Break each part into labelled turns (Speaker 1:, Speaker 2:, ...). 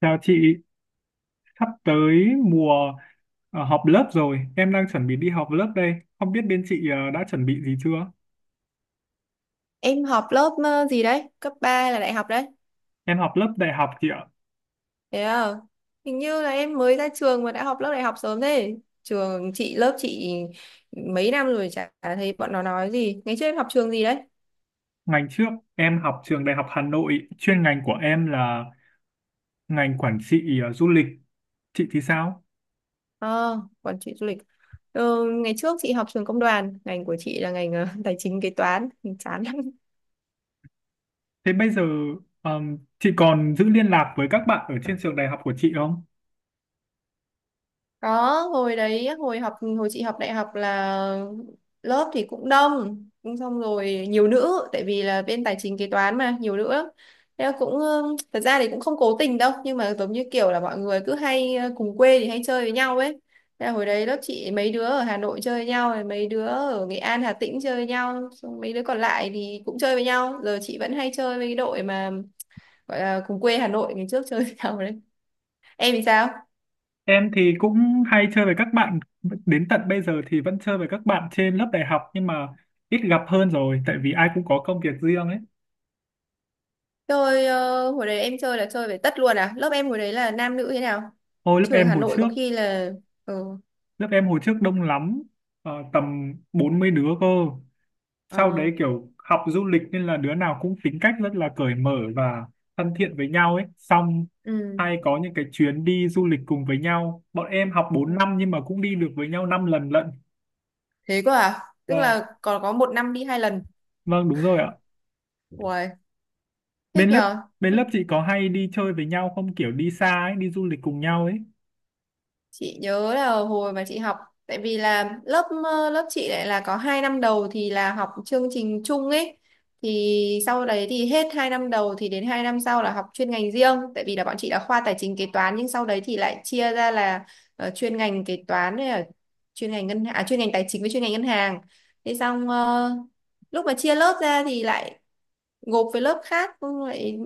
Speaker 1: Chào chị, sắp tới mùa họp lớp rồi, em đang chuẩn bị đi học lớp đây. Không biết bên chị đã chuẩn bị gì chưa?
Speaker 2: Em học lớp gì đấy? Cấp 3 là đại học đấy.
Speaker 1: Em học lớp đại học chị ạ.
Speaker 2: Thế à? Hình như là em mới ra trường mà đã học lớp đại học sớm thế. Trường chị, lớp chị mấy năm rồi chả thấy bọn nó nói gì. Ngày trước em học trường gì đấy?
Speaker 1: Ngành trước em học trường Đại học Hà Nội, chuyên ngành của em là ngành quản trị du lịch. Chị thì sao?
Speaker 2: Ờ, Quản trị du lịch. Ngày trước chị học trường công đoàn, ngành của chị là ngành tài chính kế toán, chán.
Speaker 1: Thế bây giờ chị còn giữ liên lạc với các bạn ở trên trường đại học của chị không?
Speaker 2: Có, hồi chị học đại học là lớp thì cũng đông, cũng xong rồi nhiều nữ, tại vì là bên tài chính kế toán mà, nhiều nữ lắm. Thế là cũng, thật ra thì cũng không cố tình đâu, nhưng mà giống như kiểu là mọi người cứ hay cùng quê thì hay chơi với nhau ấy. Thế là hồi đấy lớp chị mấy đứa ở Hà Nội chơi với nhau, rồi mấy đứa ở Nghệ An, Hà Tĩnh chơi với nhau, xong mấy đứa còn lại thì cũng chơi với nhau. Giờ chị vẫn hay chơi với cái đội mà gọi là cùng quê Hà Nội ngày trước chơi với nhau đấy. Em thì sao?
Speaker 1: Em thì cũng hay chơi với các bạn, đến tận bây giờ thì vẫn chơi với các bạn trên lớp đại học nhưng mà ít gặp hơn rồi tại vì ai cũng có công việc riêng ấy.
Speaker 2: Chơi hồi đấy em chơi là chơi về tất luôn à? Lớp em hồi đấy là nam nữ thế nào?
Speaker 1: Hồi lớp
Speaker 2: Trường
Speaker 1: em
Speaker 2: Hà
Speaker 1: hồi
Speaker 2: Nội có
Speaker 1: trước,
Speaker 2: khi là ừ.
Speaker 1: lớp em hồi trước đông lắm, tầm 40 đứa cơ. Sau
Speaker 2: Ờ,
Speaker 1: đấy kiểu học du lịch nên là đứa nào cũng tính cách rất là cởi mở và thân thiện với nhau ấy. Xong
Speaker 2: ừ,
Speaker 1: hay có những cái chuyến đi du lịch cùng với nhau. Bọn em học 4 năm
Speaker 2: ừ.
Speaker 1: nhưng mà cũng đi được với nhau 5 lần lận.
Speaker 2: Thế cơ à? Tức
Speaker 1: Vâng,
Speaker 2: là còn có một năm đi hai lần.
Speaker 1: vâng đúng rồi ạ.
Speaker 2: Ui, thích
Speaker 1: bên lớp
Speaker 2: nhờ.
Speaker 1: bên lớp chị có hay đi chơi với nhau không, kiểu đi xa ấy, đi du lịch cùng nhau ấy?
Speaker 2: Chị nhớ là hồi mà chị học, tại vì là lớp lớp chị lại là có hai năm đầu thì là học chương trình chung ấy, thì sau đấy thì hết hai năm đầu thì đến hai năm sau là học chuyên ngành riêng, tại vì là bọn chị là khoa tài chính kế toán nhưng sau đấy thì lại chia ra là chuyên ngành kế toán với là chuyên ngành chuyên ngành tài chính với chuyên ngành ngân hàng. Thế xong lúc mà chia lớp ra thì lại gộp với lớp khác, xong lại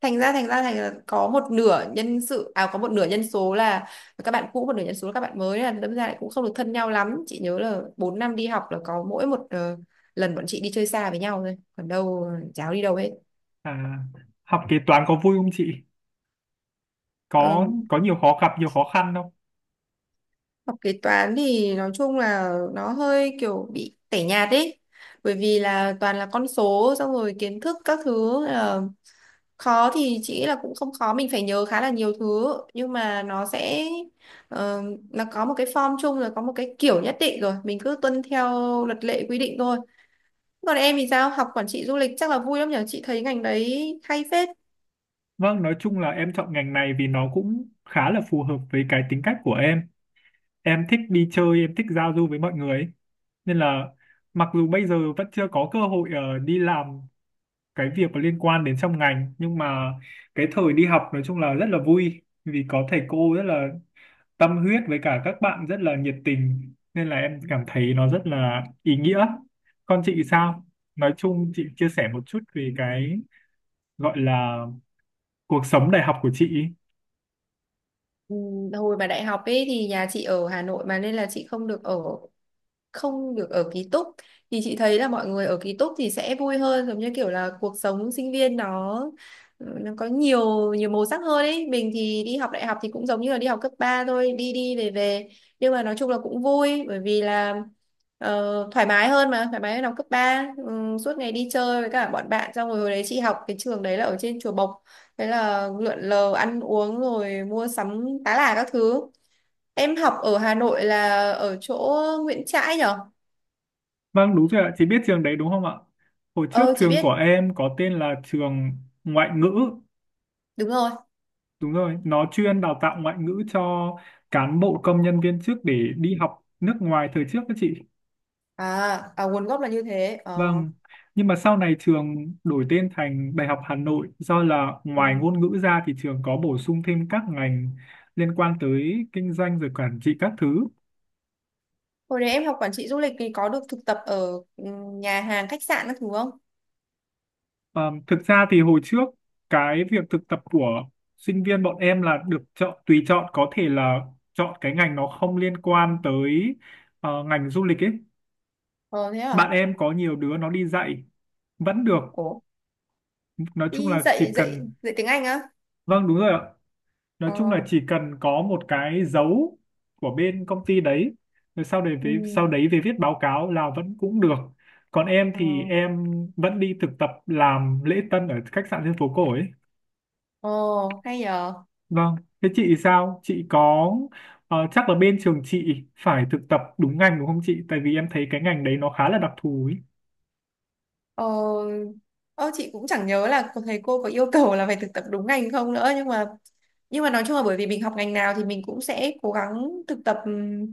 Speaker 2: thành là có một nửa nhân sự à có một nửa nhân số là các bạn cũ, một nửa nhân số là các bạn mới, là đâm ra lại cũng không được thân nhau lắm. Chị nhớ là 4 năm đi học là có mỗi một lần bọn chị đi chơi xa với nhau thôi, còn đâu cháu đi đâu hết.
Speaker 1: À, học kế toán có vui không chị, có
Speaker 2: Ừ.
Speaker 1: có nhiều khó gặp nhiều khó khăn không?
Speaker 2: Học kế toán thì nói chung là nó hơi kiểu bị tẻ nhạt ấy. Bởi vì là toàn là con số, xong rồi kiến thức các thứ là khó thì chị nghĩ là cũng không khó, mình phải nhớ khá là nhiều thứ, nhưng mà nó sẽ ờ, nó có một cái form chung rồi, có một cái kiểu nhất định rồi, mình cứ tuân theo luật lệ quy định thôi. Còn em thì sao? Học quản trị du lịch chắc là vui lắm nhỉ? Chị thấy ngành đấy hay phết.
Speaker 1: Vâng, nói chung là em chọn ngành này vì nó cũng khá là phù hợp với cái tính cách của em thích đi chơi, em thích giao du với mọi người ấy. Nên là mặc dù bây giờ vẫn chưa có cơ hội đi làm cái việc có liên quan đến trong ngành, nhưng mà cái thời đi học nói chung là rất là vui vì có thầy cô rất là tâm huyết với cả các bạn rất là nhiệt tình, nên là em cảm thấy nó rất là ý nghĩa. Còn chị sao? Nói chung chị chia sẻ một chút về cái gọi là cuộc sống đại học của chị.
Speaker 2: Ừ, hồi mà đại học ấy thì nhà chị ở Hà Nội mà, nên là chị không được ở, không được ở ký túc, thì chị thấy là mọi người ở ký túc thì sẽ vui hơn, giống như kiểu là cuộc sống sinh viên nó ừ, nó có nhiều nhiều màu sắc hơn ấy. Mình thì đi học đại học thì cũng giống như là đi học cấp 3 thôi, đi đi về về, nhưng mà nói chung là cũng vui, bởi vì là thoải mái hơn, thoải mái hơn học cấp ba, ừ, suốt ngày đi chơi với cả bọn bạn, xong rồi hồi đấy chị học cái trường đấy là ở trên Chùa Bộc, thế là lượn lờ ăn uống rồi mua sắm tá là các thứ. Em học ở Hà Nội là ở chỗ Nguyễn Trãi nhở?
Speaker 1: Vâng đúng rồi ạ, chị biết trường đấy đúng không ạ? Hồi trước
Speaker 2: Ờ chị
Speaker 1: trường
Speaker 2: biết,
Speaker 1: của em có tên là trường ngoại ngữ.
Speaker 2: đúng rồi.
Speaker 1: Đúng rồi, nó chuyên đào tạo ngoại ngữ cho cán bộ công nhân viên chức để đi học nước ngoài thời trước đó chị.
Speaker 2: À, à nguồn gốc là như thế. Ờ.
Speaker 1: Vâng, nhưng mà sau này trường đổi tên thành Đại học Hà Nội do là ngoài
Speaker 2: Ừ.
Speaker 1: ngôn ngữ ra thì trường có bổ sung thêm các ngành liên quan tới kinh doanh rồi quản trị các thứ.
Speaker 2: Hồi đấy em học quản trị du lịch thì có được thực tập ở ừ, nhà hàng khách sạn các thứ không?
Speaker 1: Ờ, thực ra thì hồi trước cái việc thực tập của sinh viên bọn em là được chọn tùy chọn, có thể là chọn cái ngành nó không liên quan tới ngành du lịch ấy.
Speaker 2: Ờ thế à?
Speaker 1: Bạn em có nhiều đứa nó đi dạy vẫn được,
Speaker 2: Ủa,
Speaker 1: nói chung
Speaker 2: đi
Speaker 1: là chỉ
Speaker 2: dạy dạy
Speaker 1: cần.
Speaker 2: dạy tiếng Anh á?
Speaker 1: Vâng đúng rồi ạ. Nói
Speaker 2: Ờ.
Speaker 1: chung là chỉ cần có một cái dấu của bên công ty đấy, rồi sau đấy về sau
Speaker 2: Ừ.
Speaker 1: đấy về viết báo cáo là vẫn cũng được. Còn em
Speaker 2: Ờ.
Speaker 1: thì em vẫn đi thực tập làm lễ tân ở khách sạn trên phố cổ ấy.
Speaker 2: Ờ hay nhờ.
Speaker 1: Vâng, thế chị sao, chị có chắc là bên trường chị phải thực tập đúng ngành đúng không chị, tại vì em thấy cái ngành đấy nó khá là đặc thù ấy.
Speaker 2: Ờ, ờ chị cũng chẳng nhớ là thầy cô có yêu cầu là phải thực tập đúng ngành không nữa, nhưng mà nói chung là bởi vì mình học ngành nào thì mình cũng sẽ cố gắng thực tập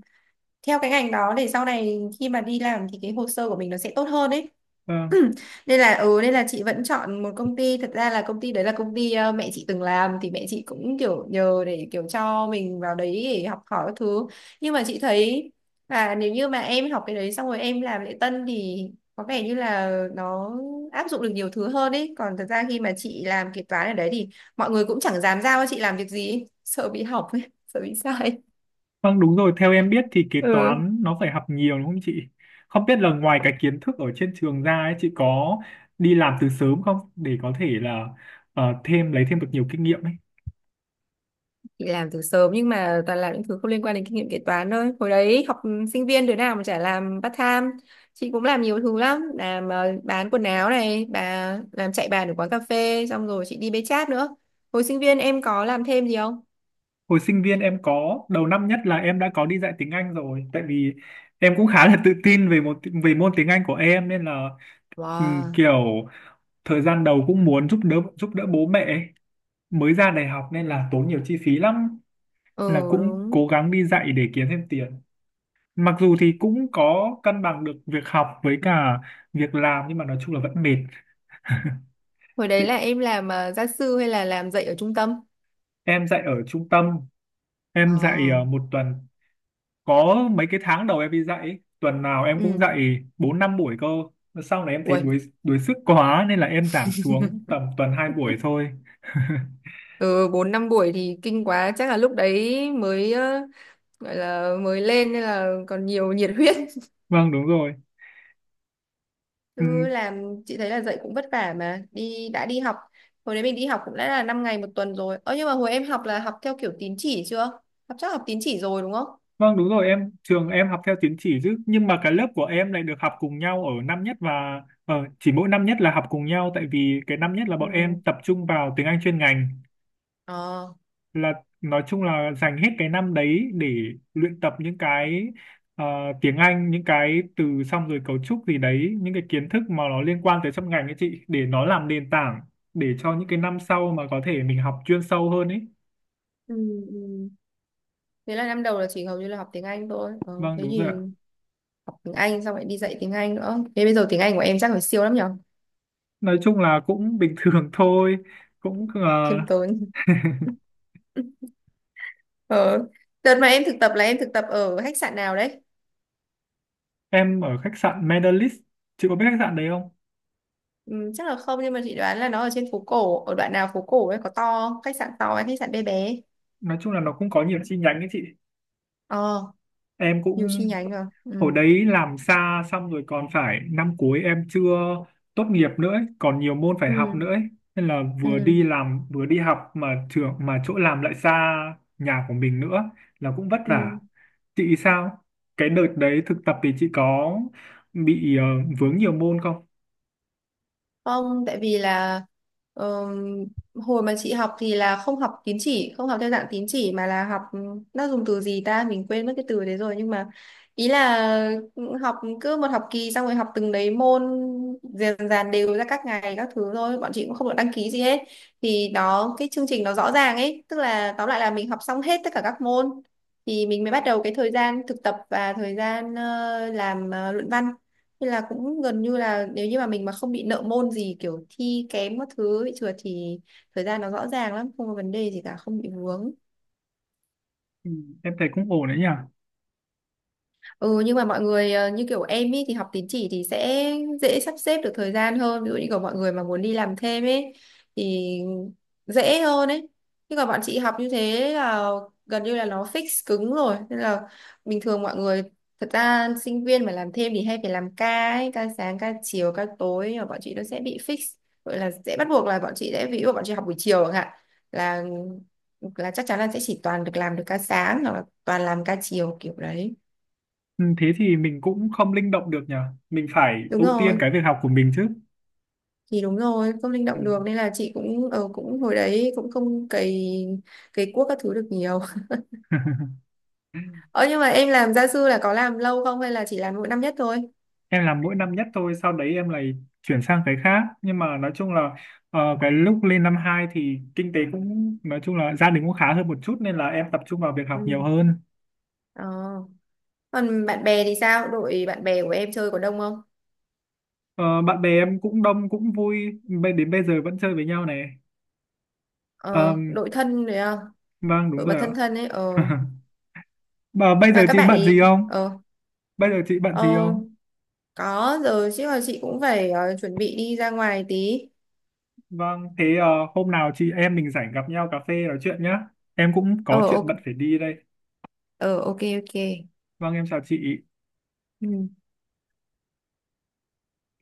Speaker 2: theo cái ngành đó, để sau này khi mà đi làm thì cái hồ sơ của mình nó sẽ tốt hơn ấy.
Speaker 1: Vâng.
Speaker 2: Nên là ừ, nên là chị vẫn chọn một công ty, thật ra là công ty đấy là công ty mẹ chị từng làm, thì mẹ chị cũng kiểu nhờ để kiểu cho mình vào đấy để học hỏi các thứ, nhưng mà chị thấy là nếu như mà em học cái đấy xong rồi em làm lễ tân thì có vẻ như là nó áp dụng được nhiều thứ hơn ấy, còn thật ra khi mà chị làm kế toán ở đấy thì mọi người cũng chẳng dám giao cho chị làm việc gì ấy, sợ bị hỏng ấy, sợ bị sai.
Speaker 1: Vâng đúng rồi, theo em biết thì kế
Speaker 2: Ừ,
Speaker 1: toán nó phải học nhiều đúng không chị? Không biết là ngoài cái kiến thức ở trên trường ra ấy, chị có đi làm từ sớm không để có thể là ờ, thêm lấy thêm được nhiều kinh nghiệm ấy.
Speaker 2: chị làm từ sớm nhưng mà toàn làm những thứ không liên quan đến kinh nghiệm kế toán thôi. Hồi đấy học sinh viên đứa nào mà chả làm part time. Chị cũng làm nhiều thứ lắm, làm bán quần áo này bà, làm chạy bàn ở quán cà phê, xong rồi chị đi bê chát nữa. Hồi sinh viên em có làm thêm gì không?
Speaker 1: Hồi sinh viên em có, đầu năm nhất là em đã có đi dạy tiếng Anh rồi, tại vì em cũng khá là tự tin về về môn tiếng Anh của em, nên là
Speaker 2: Wow.
Speaker 1: kiểu thời gian đầu cũng muốn giúp đỡ bố mẹ ấy. Mới ra đại học nên là tốn nhiều chi phí lắm, là
Speaker 2: Ừ
Speaker 1: cũng
Speaker 2: đúng.
Speaker 1: cố gắng đi dạy để kiếm thêm tiền. Mặc dù thì cũng có cân bằng được việc học với cả việc làm nhưng mà nói chung là vẫn mệt.
Speaker 2: Hồi đấy
Speaker 1: Chị,
Speaker 2: là em làm gia sư hay là làm dạy ở trung tâm?
Speaker 1: em dạy ở trung tâm,
Speaker 2: Ờ.
Speaker 1: em dạy 1 tuần. Có mấy cái tháng đầu em đi dạy ấy, tuần nào em cũng
Speaker 2: Ừ.
Speaker 1: dạy 4 5 buổi cơ. Sau này em thấy
Speaker 2: Ui.
Speaker 1: đuối đuối sức quá nên là em giảm xuống tầm tuần 2 buổi thôi.
Speaker 2: Ừ, bốn năm buổi thì kinh quá, chắc là lúc đấy mới gọi là mới lên nên là còn nhiều nhiệt huyết.
Speaker 1: Vâng đúng rồi. Ừ.
Speaker 2: Cứ làm chị thấy là dạy cũng vất vả mà đã đi học. Hồi đấy mình đi học cũng đã là 5 ngày một tuần rồi, ơ nhưng mà hồi em học là học theo kiểu tín chỉ chưa, chắc học tín chỉ rồi đúng không?
Speaker 1: Vâng đúng rồi, em, trường em học theo tín chỉ chứ, nhưng mà cái lớp của em lại được học cùng nhau ở năm nhất, và chỉ mỗi năm nhất là học cùng nhau tại vì cái năm nhất là bọn
Speaker 2: Ừ.
Speaker 1: em tập trung vào tiếng Anh chuyên ngành,
Speaker 2: Ờ.
Speaker 1: là nói chung là dành hết cái năm đấy để luyện tập những cái ờ, tiếng Anh, những cái từ xong rồi cấu trúc gì đấy, những cái kiến thức mà nó liên quan tới trong ngành ấy chị, để nó làm nền tảng để cho những cái năm sau mà có thể mình học chuyên sâu hơn ấy.
Speaker 2: Ừ. Ừ. Thế là năm đầu là chỉ hầu như là học tiếng Anh thôi,
Speaker 1: Vâng
Speaker 2: thế
Speaker 1: đúng rồi
Speaker 2: thì
Speaker 1: ạ.
Speaker 2: học tiếng Anh xong lại đi dạy tiếng Anh nữa, thế bây giờ tiếng Anh của em chắc phải siêu lắm nhở.
Speaker 1: Nói chung là cũng bình thường thôi, cũng
Speaker 2: Khiêm tốn. Ờ, đợt mà em thực tập là em thực tập ở khách sạn nào đấy?
Speaker 1: em ở khách sạn Medalist, chị có biết khách sạn đấy không?
Speaker 2: Ừ, chắc là không, nhưng mà chị đoán là nó ở trên phố cổ, ở đoạn nào phố cổ ấy, có to, khách sạn to hay khách sạn bé bé?
Speaker 1: Nói chung là nó cũng có nhiều chi nhánh ấy chị,
Speaker 2: Ờ,
Speaker 1: em
Speaker 2: nhiều chi
Speaker 1: cũng
Speaker 2: nhánh rồi,
Speaker 1: ở
Speaker 2: ừ.
Speaker 1: đấy làm xa, xong rồi còn phải, năm cuối em chưa tốt nghiệp nữa ấy, còn nhiều môn phải học
Speaker 2: Ừ.
Speaker 1: nữa ấy. Nên là vừa đi
Speaker 2: Ừ.
Speaker 1: làm vừa đi học mà trường, mà chỗ làm lại xa nhà của mình nữa, là cũng vất
Speaker 2: Ừ.
Speaker 1: vả. Chị sao, cái đợt đấy thực tập thì chị có bị vướng nhiều môn không?
Speaker 2: Không, tại vì là ờm, hồi mà chị học thì là không học tín chỉ, không học theo dạng tín chỉ, mà là học ừ, nó dùng từ gì ta, mình quên mất cái từ đấy rồi, nhưng mà ý là ừ, học cứ một học kỳ xong rồi học từng đấy môn, dần dần đều ra các ngày các thứ thôi, bọn chị cũng không được đăng ký gì hết. Thì đó cái chương trình nó rõ ràng ấy, tức là tóm lại là mình học xong hết tất cả các môn thì mình mới bắt đầu cái thời gian thực tập và thời gian làm luận văn. Thế là cũng gần như là nếu như mà mình mà không bị nợ môn gì kiểu thi kém các thứ bị trượt thì thời gian nó rõ ràng lắm, không có vấn đề gì cả, không bị vướng.
Speaker 1: Ừ, em thấy cũng ổn đấy nhỉ.
Speaker 2: Ừ, nhưng mà mọi người như kiểu em ý thì học tín chỉ thì sẽ dễ sắp xếp được thời gian hơn, ví dụ như của mọi người mà muốn đi làm thêm ấy thì dễ hơn ấy, nhưng mà bọn chị học như thế là gần như là nó fix cứng rồi, nên là bình thường mọi người, thật ra sinh viên mà làm thêm thì hay phải làm ca ấy, ca sáng ca chiều ca tối, nhưng mà bọn chị nó sẽ bị fix, gọi là sẽ bắt buộc là bọn chị sẽ, ví dụ bọn chị học buổi chiều chẳng hạn, là là chắc chắn là sẽ chỉ toàn được làm được ca sáng hoặc là toàn làm ca chiều kiểu đấy.
Speaker 1: Ừ, thế thì mình cũng không linh động được nhờ. Mình phải
Speaker 2: Đúng
Speaker 1: ưu tiên
Speaker 2: rồi,
Speaker 1: cái việc học của mình chứ.
Speaker 2: thì đúng rồi, không linh
Speaker 1: Ừ.
Speaker 2: động được nên là chị cũng cũng hồi đấy cũng không cày cày cuốc các thứ được nhiều. Ờ, nhưng mà em làm gia sư là có làm lâu không hay là chỉ làm mỗi năm nhất thôi?
Speaker 1: Em làm mỗi năm nhất thôi, sau đấy em lại chuyển sang cái khác. Nhưng mà nói chung là cái lúc lên năm 2 thì kinh tế cũng, nói chung là gia đình cũng khá hơn một chút nên là em tập trung vào việc
Speaker 2: Ừ.
Speaker 1: học nhiều hơn.
Speaker 2: Ờ. Còn bạn bè thì sao, đội bạn bè của em chơi có đông không?
Speaker 1: Ờ, bạn bè em cũng đông cũng vui, đến bây giờ vẫn chơi với nhau này. Ờ,
Speaker 2: Ờ, đội thân đấy không,
Speaker 1: vâng đúng
Speaker 2: đội mà
Speaker 1: rồi
Speaker 2: thân
Speaker 1: ạ.
Speaker 2: thân ấy? Ờ,
Speaker 1: Mà bây
Speaker 2: là
Speaker 1: giờ
Speaker 2: các
Speaker 1: chị
Speaker 2: bạn
Speaker 1: bận
Speaker 2: ấy.
Speaker 1: gì không?
Speaker 2: Ờ.
Speaker 1: Bây giờ chị bận gì
Speaker 2: Ờ,
Speaker 1: không?
Speaker 2: có rồi chứ, là chị cũng phải chuẩn bị đi ra ngoài tí.
Speaker 1: Vâng, thế hôm nào chị em mình rảnh gặp nhau cà phê nói chuyện nhá. Em cũng
Speaker 2: Ờ,
Speaker 1: có
Speaker 2: ok.
Speaker 1: chuyện bận phải đi đây.
Speaker 2: Ờ ok ok
Speaker 1: Vâng, em chào chị.
Speaker 2: Ừ.